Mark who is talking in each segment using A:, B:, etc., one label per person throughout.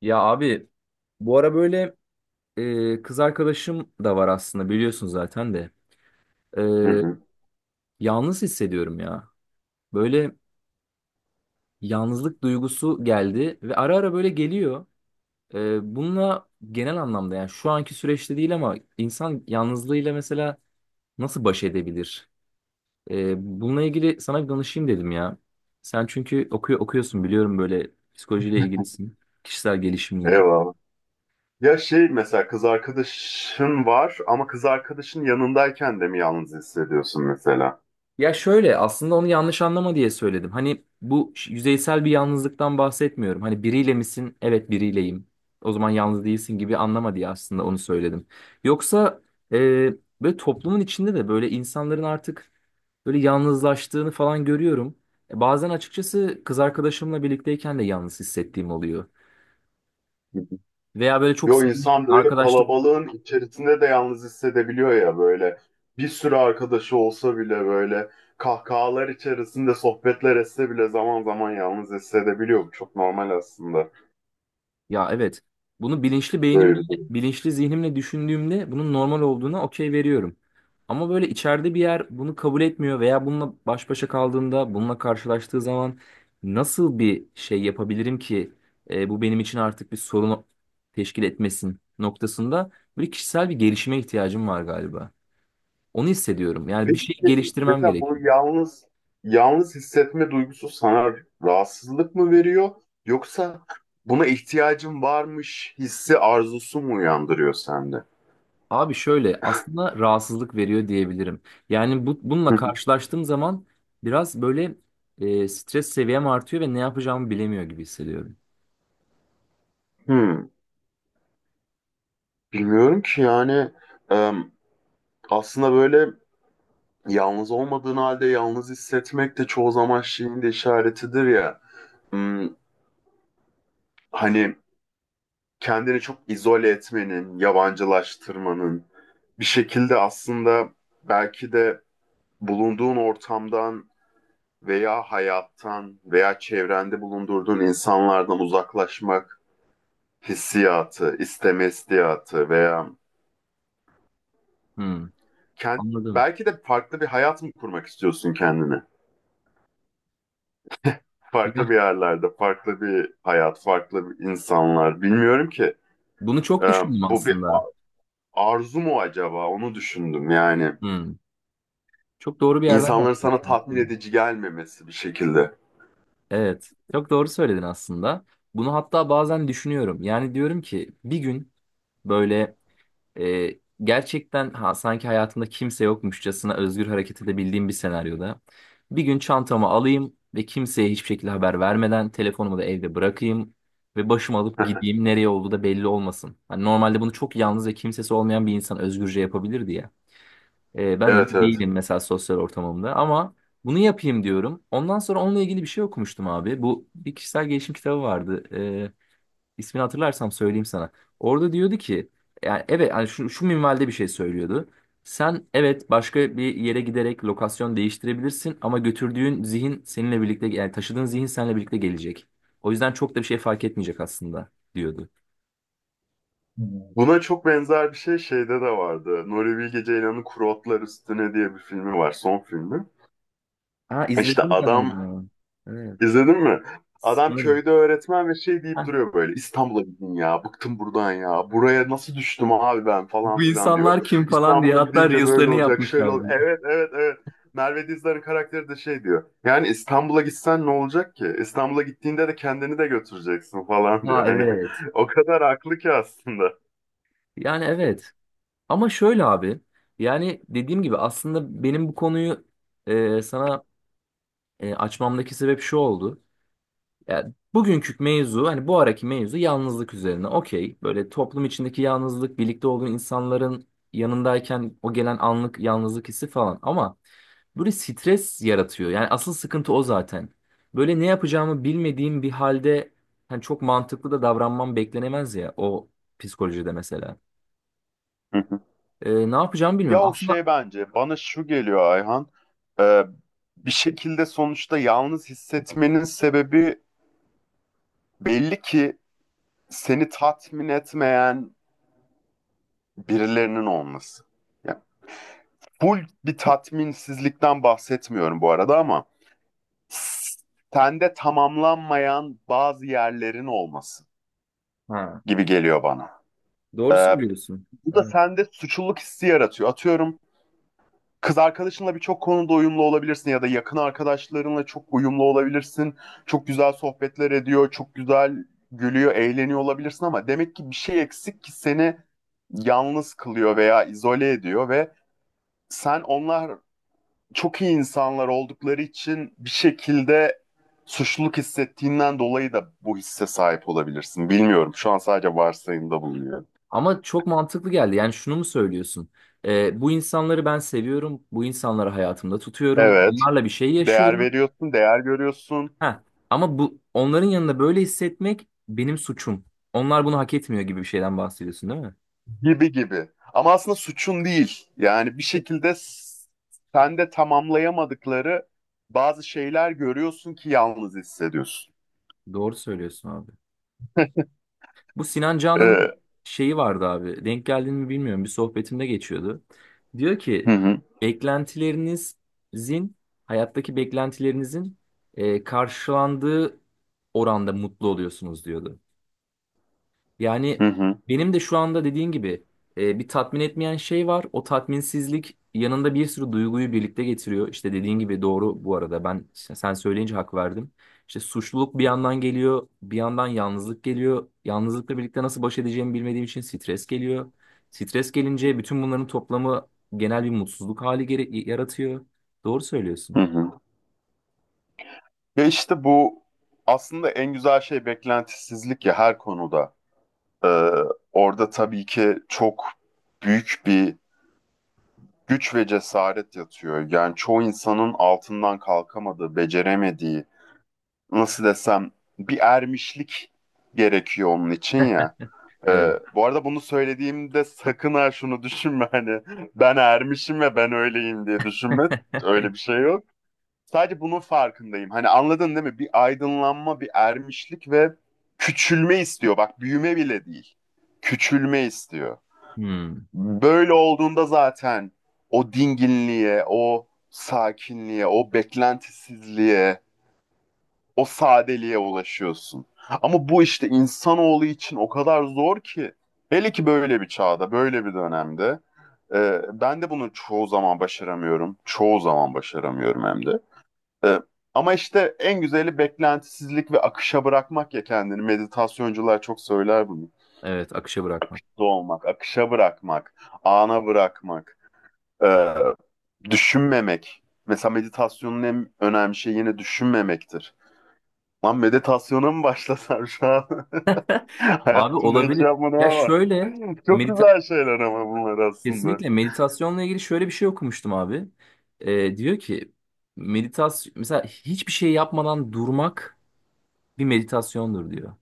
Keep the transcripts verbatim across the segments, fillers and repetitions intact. A: Ya abi, bu ara böyle e, kız arkadaşım da var aslında, biliyorsun zaten de. E,
B: Hı hı.
A: Yalnız hissediyorum ya. Böyle yalnızlık duygusu geldi ve ara ara böyle geliyor. E, bununla genel anlamda, yani şu anki süreçte değil ama insan yalnızlığıyla mesela nasıl baş edebilir? E, Bununla ilgili sana bir danışayım dedim ya. Sen çünkü okuyor, okuyorsun, biliyorum, böyle psikolojiyle ilgilisin. Kişisel gelişimle.
B: Eyvallah. Ya şey mesela kız arkadaşın var ama kız arkadaşın yanındayken de mi yalnız hissediyorsun mesela?
A: Ya şöyle, aslında onu yanlış anlama diye söyledim. Hani bu ş- yüzeysel bir yalnızlıktan bahsetmiyorum. Hani biriyle misin? Evet, biriyleyim. O zaman yalnız değilsin gibi anlama diye aslında onu söyledim. Yoksa e, böyle toplumun içinde de böyle insanların artık böyle yalnızlaştığını falan görüyorum. E, bazen açıkçası kız arkadaşımla birlikteyken de yalnız hissettiğim oluyor.
B: Hı hı.
A: Veya böyle çok
B: Yo
A: sıkı
B: insan böyle
A: arkadaşlık...
B: kalabalığın içerisinde de yalnız hissedebiliyor ya böyle. Bir sürü arkadaşı olsa bile böyle kahkahalar içerisinde sohbetler etse bile zaman zaman yalnız hissedebiliyor. Bu çok normal aslında
A: Ya evet. Bunu bilinçli beynimle,
B: böyle bir durum.
A: bilinçli zihnimle düşündüğümde bunun normal olduğuna okey veriyorum. Ama böyle içeride bir yer bunu kabul etmiyor veya bununla baş başa kaldığında, bununla karşılaştığı zaman nasıl bir şey yapabilirim ki e, bu benim için artık bir sorun teşkil etmesin noktasında böyle kişisel bir gelişime ihtiyacım var galiba. Onu hissediyorum. Yani bir
B: Peki
A: şey geliştirmem
B: mesela bu
A: gerekiyor.
B: yalnız yalnız hissetme duygusu sana rahatsızlık mı veriyor yoksa buna ihtiyacın varmış hissi arzusu mu uyandırıyor sende?
A: Abi, şöyle, aslında rahatsızlık veriyor diyebilirim. Yani bu, bununla
B: Hı hı.
A: karşılaştığım zaman biraz böyle e, stres seviyem artıyor ve ne yapacağımı bilemiyor gibi hissediyorum.
B: Hmm, bilmiyorum ki yani em, aslında böyle yalnız olmadığın halde yalnız hissetmek de çoğu zaman şeyin de işaretidir ya. Hmm, hani kendini çok izole etmenin, yabancılaştırmanın bir şekilde aslında belki de bulunduğun ortamdan veya hayattan veya çevrende bulundurduğun insanlardan uzaklaşmak hissiyatı, isteme hissiyatı veya
A: Hmm,
B: kend-
A: Anladım.
B: belki de farklı bir hayat mı kurmak istiyorsun kendine? Farklı
A: Ya,
B: bir yerlerde, farklı bir hayat, farklı bir insanlar. Bilmiyorum ki.
A: bunu çok
B: Ee,
A: düşündüm
B: bu bir
A: aslında.
B: arzu mu acaba? Onu düşündüm yani.
A: Hmm, Çok doğru bir yerden
B: İnsanların sana
A: yaklaştın
B: tatmin
A: aslında.
B: edici gelmemesi bir şekilde.
A: Evet, çok doğru söyledin aslında. Bunu hatta bazen düşünüyorum. Yani diyorum ki bir gün böyle... Ee, gerçekten ha, sanki hayatımda kimse yokmuşçasına özgür hareket edebildiğim bir senaryoda. Bir gün çantamı alayım ve kimseye hiçbir şekilde haber vermeden telefonumu da evde bırakayım ve başımı alıp gideyim, nereye olduğu da belli olmasın. Hani normalde bunu çok yalnız ve kimsesi olmayan bir insan özgürce yapabilirdi ya. Ee, ben öyle
B: Evet, evet.
A: değilim mesela sosyal ortamımda, ama bunu yapayım diyorum. Ondan sonra onunla ilgili bir şey okumuştum abi. Bu bir kişisel gelişim kitabı vardı. İsmini hatırlarsam söyleyeyim sana. Orada diyordu ki, yani evet, yani şu, şu minvalde bir şey söylüyordu. Sen evet başka bir yere giderek lokasyon değiştirebilirsin ama götürdüğün zihin seninle birlikte, yani taşıdığın zihin seninle birlikte gelecek. O yüzden çok da bir şey fark etmeyecek aslında diyordu.
B: Buna çok benzer bir şey şeyde de vardı. Nuri Bilge Ceylan'ın Kuru Otlar Üstüne diye bir filmi var. Son filmi.
A: Ha,
B: E İşte
A: izledim
B: adam
A: galiba. Evet.
B: izledin mi? Adam
A: Sanırım.
B: köyde öğretmen ve şey deyip
A: Ha,
B: duruyor böyle. İstanbul'a gidin ya. Bıktım buradan ya. Buraya nasıl düştüm abi ben falan
A: bu
B: filan diyor.
A: insanlar kim falan diye
B: İstanbul'a
A: hatta
B: gidince böyle
A: Reels'lerini
B: olacak. Şöyle ol.
A: yapmışlardı.
B: Evet, evet, evet. Merve Dizdar'ın karakteri de şey diyor. Yani İstanbul'a gitsen ne olacak ki? İstanbul'a gittiğinde de kendini de götüreceksin falan diyor.
A: Ha
B: Hani
A: evet.
B: o kadar haklı ki aslında.
A: Yani evet. Ama şöyle abi. Yani dediğim gibi aslında benim bu konuyu e, sana E, açmamdaki sebep şu oldu. Yani bugünkü mevzu, hani bu araki mevzu yalnızlık üzerine. Okey. Böyle toplum içindeki yalnızlık, birlikte olduğun insanların yanındayken o gelen anlık yalnızlık hissi falan. Ama böyle stres yaratıyor. Yani asıl sıkıntı o zaten. Böyle ne yapacağımı bilmediğim bir halde, hani çok mantıklı da davranmam beklenemez ya, o psikolojide mesela. E, ne yapacağımı
B: Ya
A: bilmiyorum.
B: o
A: Aslında
B: şey bence bana şu geliyor, Ayhan. Ee, bir şekilde sonuçta yalnız hissetmenin sebebi belli ki seni tatmin etmeyen birilerinin olması. Yani full bir tatminsizlikten bahsetmiyorum bu arada ama s- sende tamamlanmayan bazı yerlerin olması
A: ha,
B: gibi geliyor bana.
A: doğru
B: Ee,
A: söylüyorsun.
B: bu da sende suçluluk hissi yaratıyor. Atıyorum, kız arkadaşınla birçok konuda uyumlu olabilirsin ya da yakın arkadaşlarınla çok uyumlu olabilirsin. Çok güzel sohbetler ediyor, çok güzel gülüyor, eğleniyor olabilirsin ama demek ki bir şey eksik ki seni yalnız kılıyor veya izole ediyor ve sen onlar çok iyi insanlar oldukları için bir şekilde suçluluk hissettiğinden dolayı da bu hisse sahip olabilirsin. Bilmiyorum. Şu an sadece varsayımda bulunuyorum.
A: Ama çok mantıklı geldi. Yani şunu mu söylüyorsun? Ee, bu insanları ben seviyorum. Bu insanları hayatımda tutuyorum.
B: Evet,
A: Bunlarla bir şey
B: değer
A: yaşıyorum.
B: veriyorsun, değer görüyorsun.
A: Ha. Ama bu onların yanında böyle hissetmek benim suçum. Onlar bunu hak etmiyor gibi bir şeyden bahsediyorsun, değil mi?
B: Gibi gibi. Ama aslında suçun değil. Yani bir şekilde s- sen de tamamlayamadıkları bazı şeyler görüyorsun ki yalnız hissediyorsun.
A: Doğru söylüyorsun abi. Bu Sinan Canan'ın
B: Ee,
A: şeyi vardı abi. Denk geldiğini mi bilmiyorum. Bir sohbetimde geçiyordu. Diyor
B: hı
A: ki
B: hı,
A: beklentilerinizin, hayattaki beklentilerinizin e, karşılandığı oranda mutlu oluyorsunuz diyordu. Yani
B: hı hı,
A: benim de şu anda dediğin gibi e, bir tatmin etmeyen şey var. O tatminsizlik yanında bir sürü duyguyu birlikte getiriyor. İşte dediğin gibi, doğru bu arada. Ben işte sen söyleyince hak verdim. İşte suçluluk bir yandan geliyor, bir yandan yalnızlık geliyor. Yalnızlıkla birlikte nasıl baş edeceğimi bilmediğim için stres geliyor. Stres gelince bütün bunların toplamı genel bir mutsuzluk hali gere- yaratıyor. Doğru söylüyorsun.
B: hı hı. Ve işte bu aslında en güzel şey beklentisizlik ya, her konuda. Ee, orada tabii ki çok büyük bir güç ve cesaret yatıyor. Yani çoğu insanın altından kalkamadığı, beceremediği, nasıl desem bir ermişlik gerekiyor onun için ya. Ee,
A: Evet.
B: bu arada bunu söylediğimde sakın ha şunu düşünme, hani ben ermişim ve ben öyleyim diye düşünme. Öyle bir şey yok. Sadece bunun farkındayım. Hani anladın değil mi? Bir aydınlanma, bir ermişlik ve küçülme istiyor. Bak, büyüme bile değil. Küçülme istiyor.
A: Hmm,
B: Böyle olduğunda zaten o dinginliğe, o sakinliğe, o beklentisizliğe, o sadeliğe ulaşıyorsun. Ama bu işte insanoğlu için o kadar zor ki. Hele ki böyle bir çağda, böyle bir dönemde. Ee, ben de bunu çoğu zaman başaramıyorum. Çoğu zaman başaramıyorum hem de. Ee, ama işte en güzeli beklentisizlik ve akışa bırakmak ya kendini. Meditasyoncular çok söyler bunu.
A: evet, akışa bırakmak.
B: Doğmak, akışa bırakmak, ana bırakmak, ee, düşünmemek. Mesela meditasyonun en önemli şeyi yine düşünmemektir. Lan meditasyona mı başlasam şu an?
A: Abi
B: Hayatımda hiç
A: olabilir.
B: yapmadım
A: Ya
B: ama
A: şöyle...
B: çok
A: medita
B: güzel şeyler ama bunlar aslında.
A: Kesinlikle meditasyonla ilgili şöyle bir şey okumuştum abi. Ee, diyor ki meditasyon mesela hiçbir şey yapmadan durmak bir meditasyondur diyor.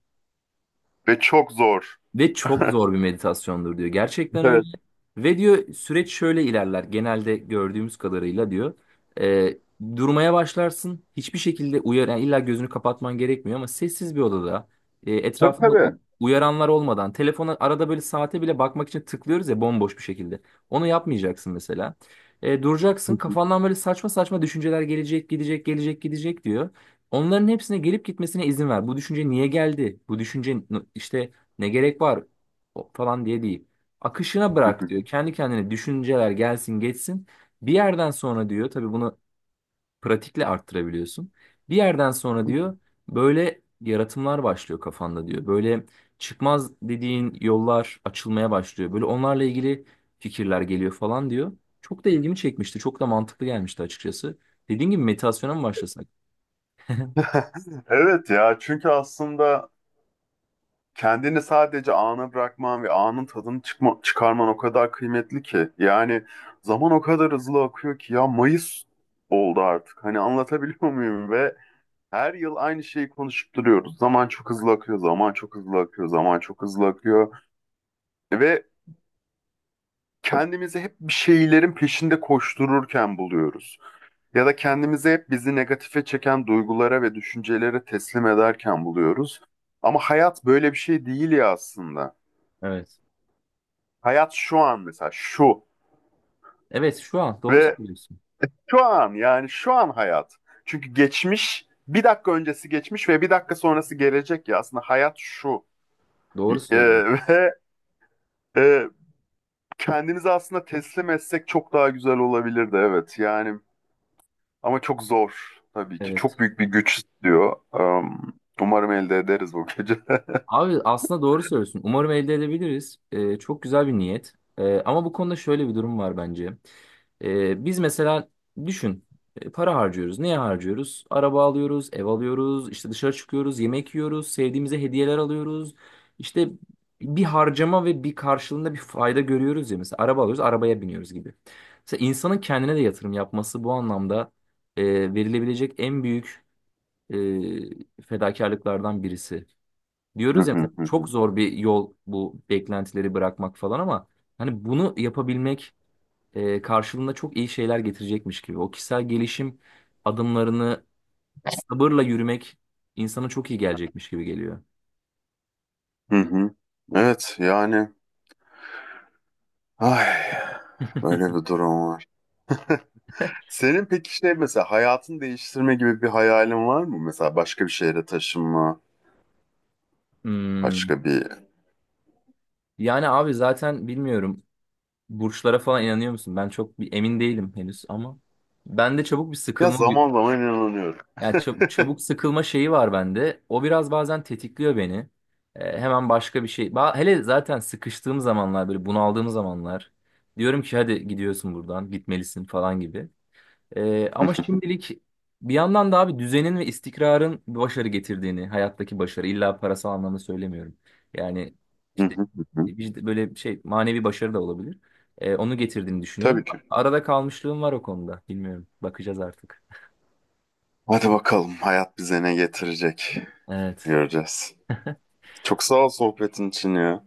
B: Ve çok zor.
A: Ve çok zor bir meditasyondur diyor. Gerçekten öyle.
B: Evet.
A: Ve diyor süreç şöyle ilerler. Genelde gördüğümüz kadarıyla diyor. Ee, Durmaya başlarsın. Hiçbir şekilde uyar, yani illa gözünü kapatman gerekmiyor ama sessiz bir odada, e,
B: Tabii,
A: etrafında
B: tabii.
A: u- uyaranlar olmadan, telefona arada böyle saate bile bakmak için tıklıyoruz ya, bomboş bir şekilde. Onu yapmayacaksın mesela. Ee, duracaksın. Kafandan böyle saçma saçma düşünceler gelecek, gidecek, gelecek, gidecek diyor. Onların hepsine gelip gitmesine izin ver. Bu düşünce niye geldi? Bu düşünce n- işte ne gerek var, O- falan diye değil. Akışına bırak diyor. Kendi kendine düşünceler gelsin geçsin. Bir yerden sonra diyor tabii bunu pratikle arttırabiliyorsun. Bir yerden sonra diyor böyle yaratımlar başlıyor kafanda diyor. Böyle çıkmaz dediğin yollar açılmaya başlıyor. Böyle onlarla ilgili fikirler geliyor falan diyor. Çok da ilgimi çekmişti. Çok da mantıklı gelmişti açıkçası. Dediğin gibi meditasyona mı başlasak?
B: Evet ya, çünkü aslında kendini sadece ana bırakman ve anın tadını çıkma, çıkarman o kadar kıymetli ki. Yani zaman o kadar hızlı akıyor ki ya, Mayıs oldu artık. Hani anlatabiliyor muyum? Ve her yıl aynı şeyi konuşup duruyoruz. Zaman çok hızlı akıyor, zaman çok hızlı akıyor, zaman çok hızlı akıyor. Ve kendimizi hep bir şeylerin peşinde koştururken buluyoruz. Ya da kendimizi hep bizi negatife çeken duygulara ve düşüncelere teslim ederken buluyoruz. Ama hayat böyle bir şey değil ya aslında.
A: Evet.
B: Hayat şu an mesela şu
A: Evet, şu an doğru
B: ve
A: söylüyorsun.
B: şu an, yani şu an hayat. Çünkü geçmiş bir dakika öncesi geçmiş ve bir dakika sonrası gelecek ya, aslında hayat şu.
A: Doğru
B: Ee,
A: söylüyorsun.
B: ve e, kendimizi aslında teslim etsek çok daha güzel olabilirdi, evet yani. Ama çok zor tabii ki. Çok
A: Evet.
B: büyük bir güç istiyor. Am, umarım elde ederiz bu gece.
A: Abi aslında doğru söylüyorsun. Umarım elde edebiliriz. Ee, çok güzel bir niyet. Ee, ama bu konuda şöyle bir durum var bence. Ee, biz mesela düşün, e, para harcıyoruz. Neye harcıyoruz? Araba alıyoruz, ev alıyoruz, işte dışarı çıkıyoruz, yemek yiyoruz, sevdiğimize hediyeler alıyoruz. İşte bir harcama ve bir karşılığında bir fayda görüyoruz ya. Mesela araba alıyoruz, arabaya biniyoruz gibi. Mesela insanın kendine de yatırım yapması bu anlamda e, verilebilecek en büyük e, fedakarlıklardan birisi.
B: Hı
A: Diyoruz ya mesela
B: hı, hı
A: çok
B: hı.
A: zor bir yol bu beklentileri bırakmak falan, ama hani bunu yapabilmek e, karşılığında çok iyi şeyler getirecekmiş gibi. O kişisel gelişim adımlarını sabırla yürümek insana çok iyi gelecekmiş gibi geliyor.
B: Hı hı. Evet yani, ay, böyle bir durum var. Senin peki şey mesela hayatını değiştirme gibi bir hayalin var mı? Mesela başka bir şehre taşınma,
A: Hmm.
B: başka bir...
A: Yani abi zaten bilmiyorum, burçlara falan inanıyor musun? Ben çok bir emin değilim henüz, ama bende çabuk bir
B: Ya
A: sıkılma
B: zaman zaman inanıyorum.
A: yani çab- çabuk sıkılma şeyi var bende. O biraz bazen tetikliyor beni. Ee, hemen başka bir şey. Ba- hele zaten sıkıştığım zamanlar, böyle bunaldığım zamanlar. Diyorum ki hadi gidiyorsun, buradan gitmelisin falan gibi. Ee, ama şimdilik bir yandan da abi düzenin ve istikrarın başarı getirdiğini, hayattaki başarı illa parasal anlamda söylemiyorum. Yani
B: Hı
A: işte
B: hı, hı hı.
A: vicd- böyle şey, manevi başarı da olabilir. Ee, onu getirdiğini
B: Tabii
A: düşünüyorum.
B: ki.
A: Arada kalmışlığım var o konuda. Bilmiyorum. Bakacağız artık.
B: Hadi bakalım hayat bize ne getirecek.
A: Evet.
B: Göreceğiz. Çok sağ ol sohbetin için ya.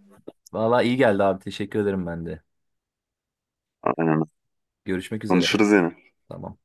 A: Valla iyi geldi abi. Teşekkür ederim ben de.
B: Aynen.
A: Görüşmek üzere.
B: Konuşuruz yine.
A: Tamam.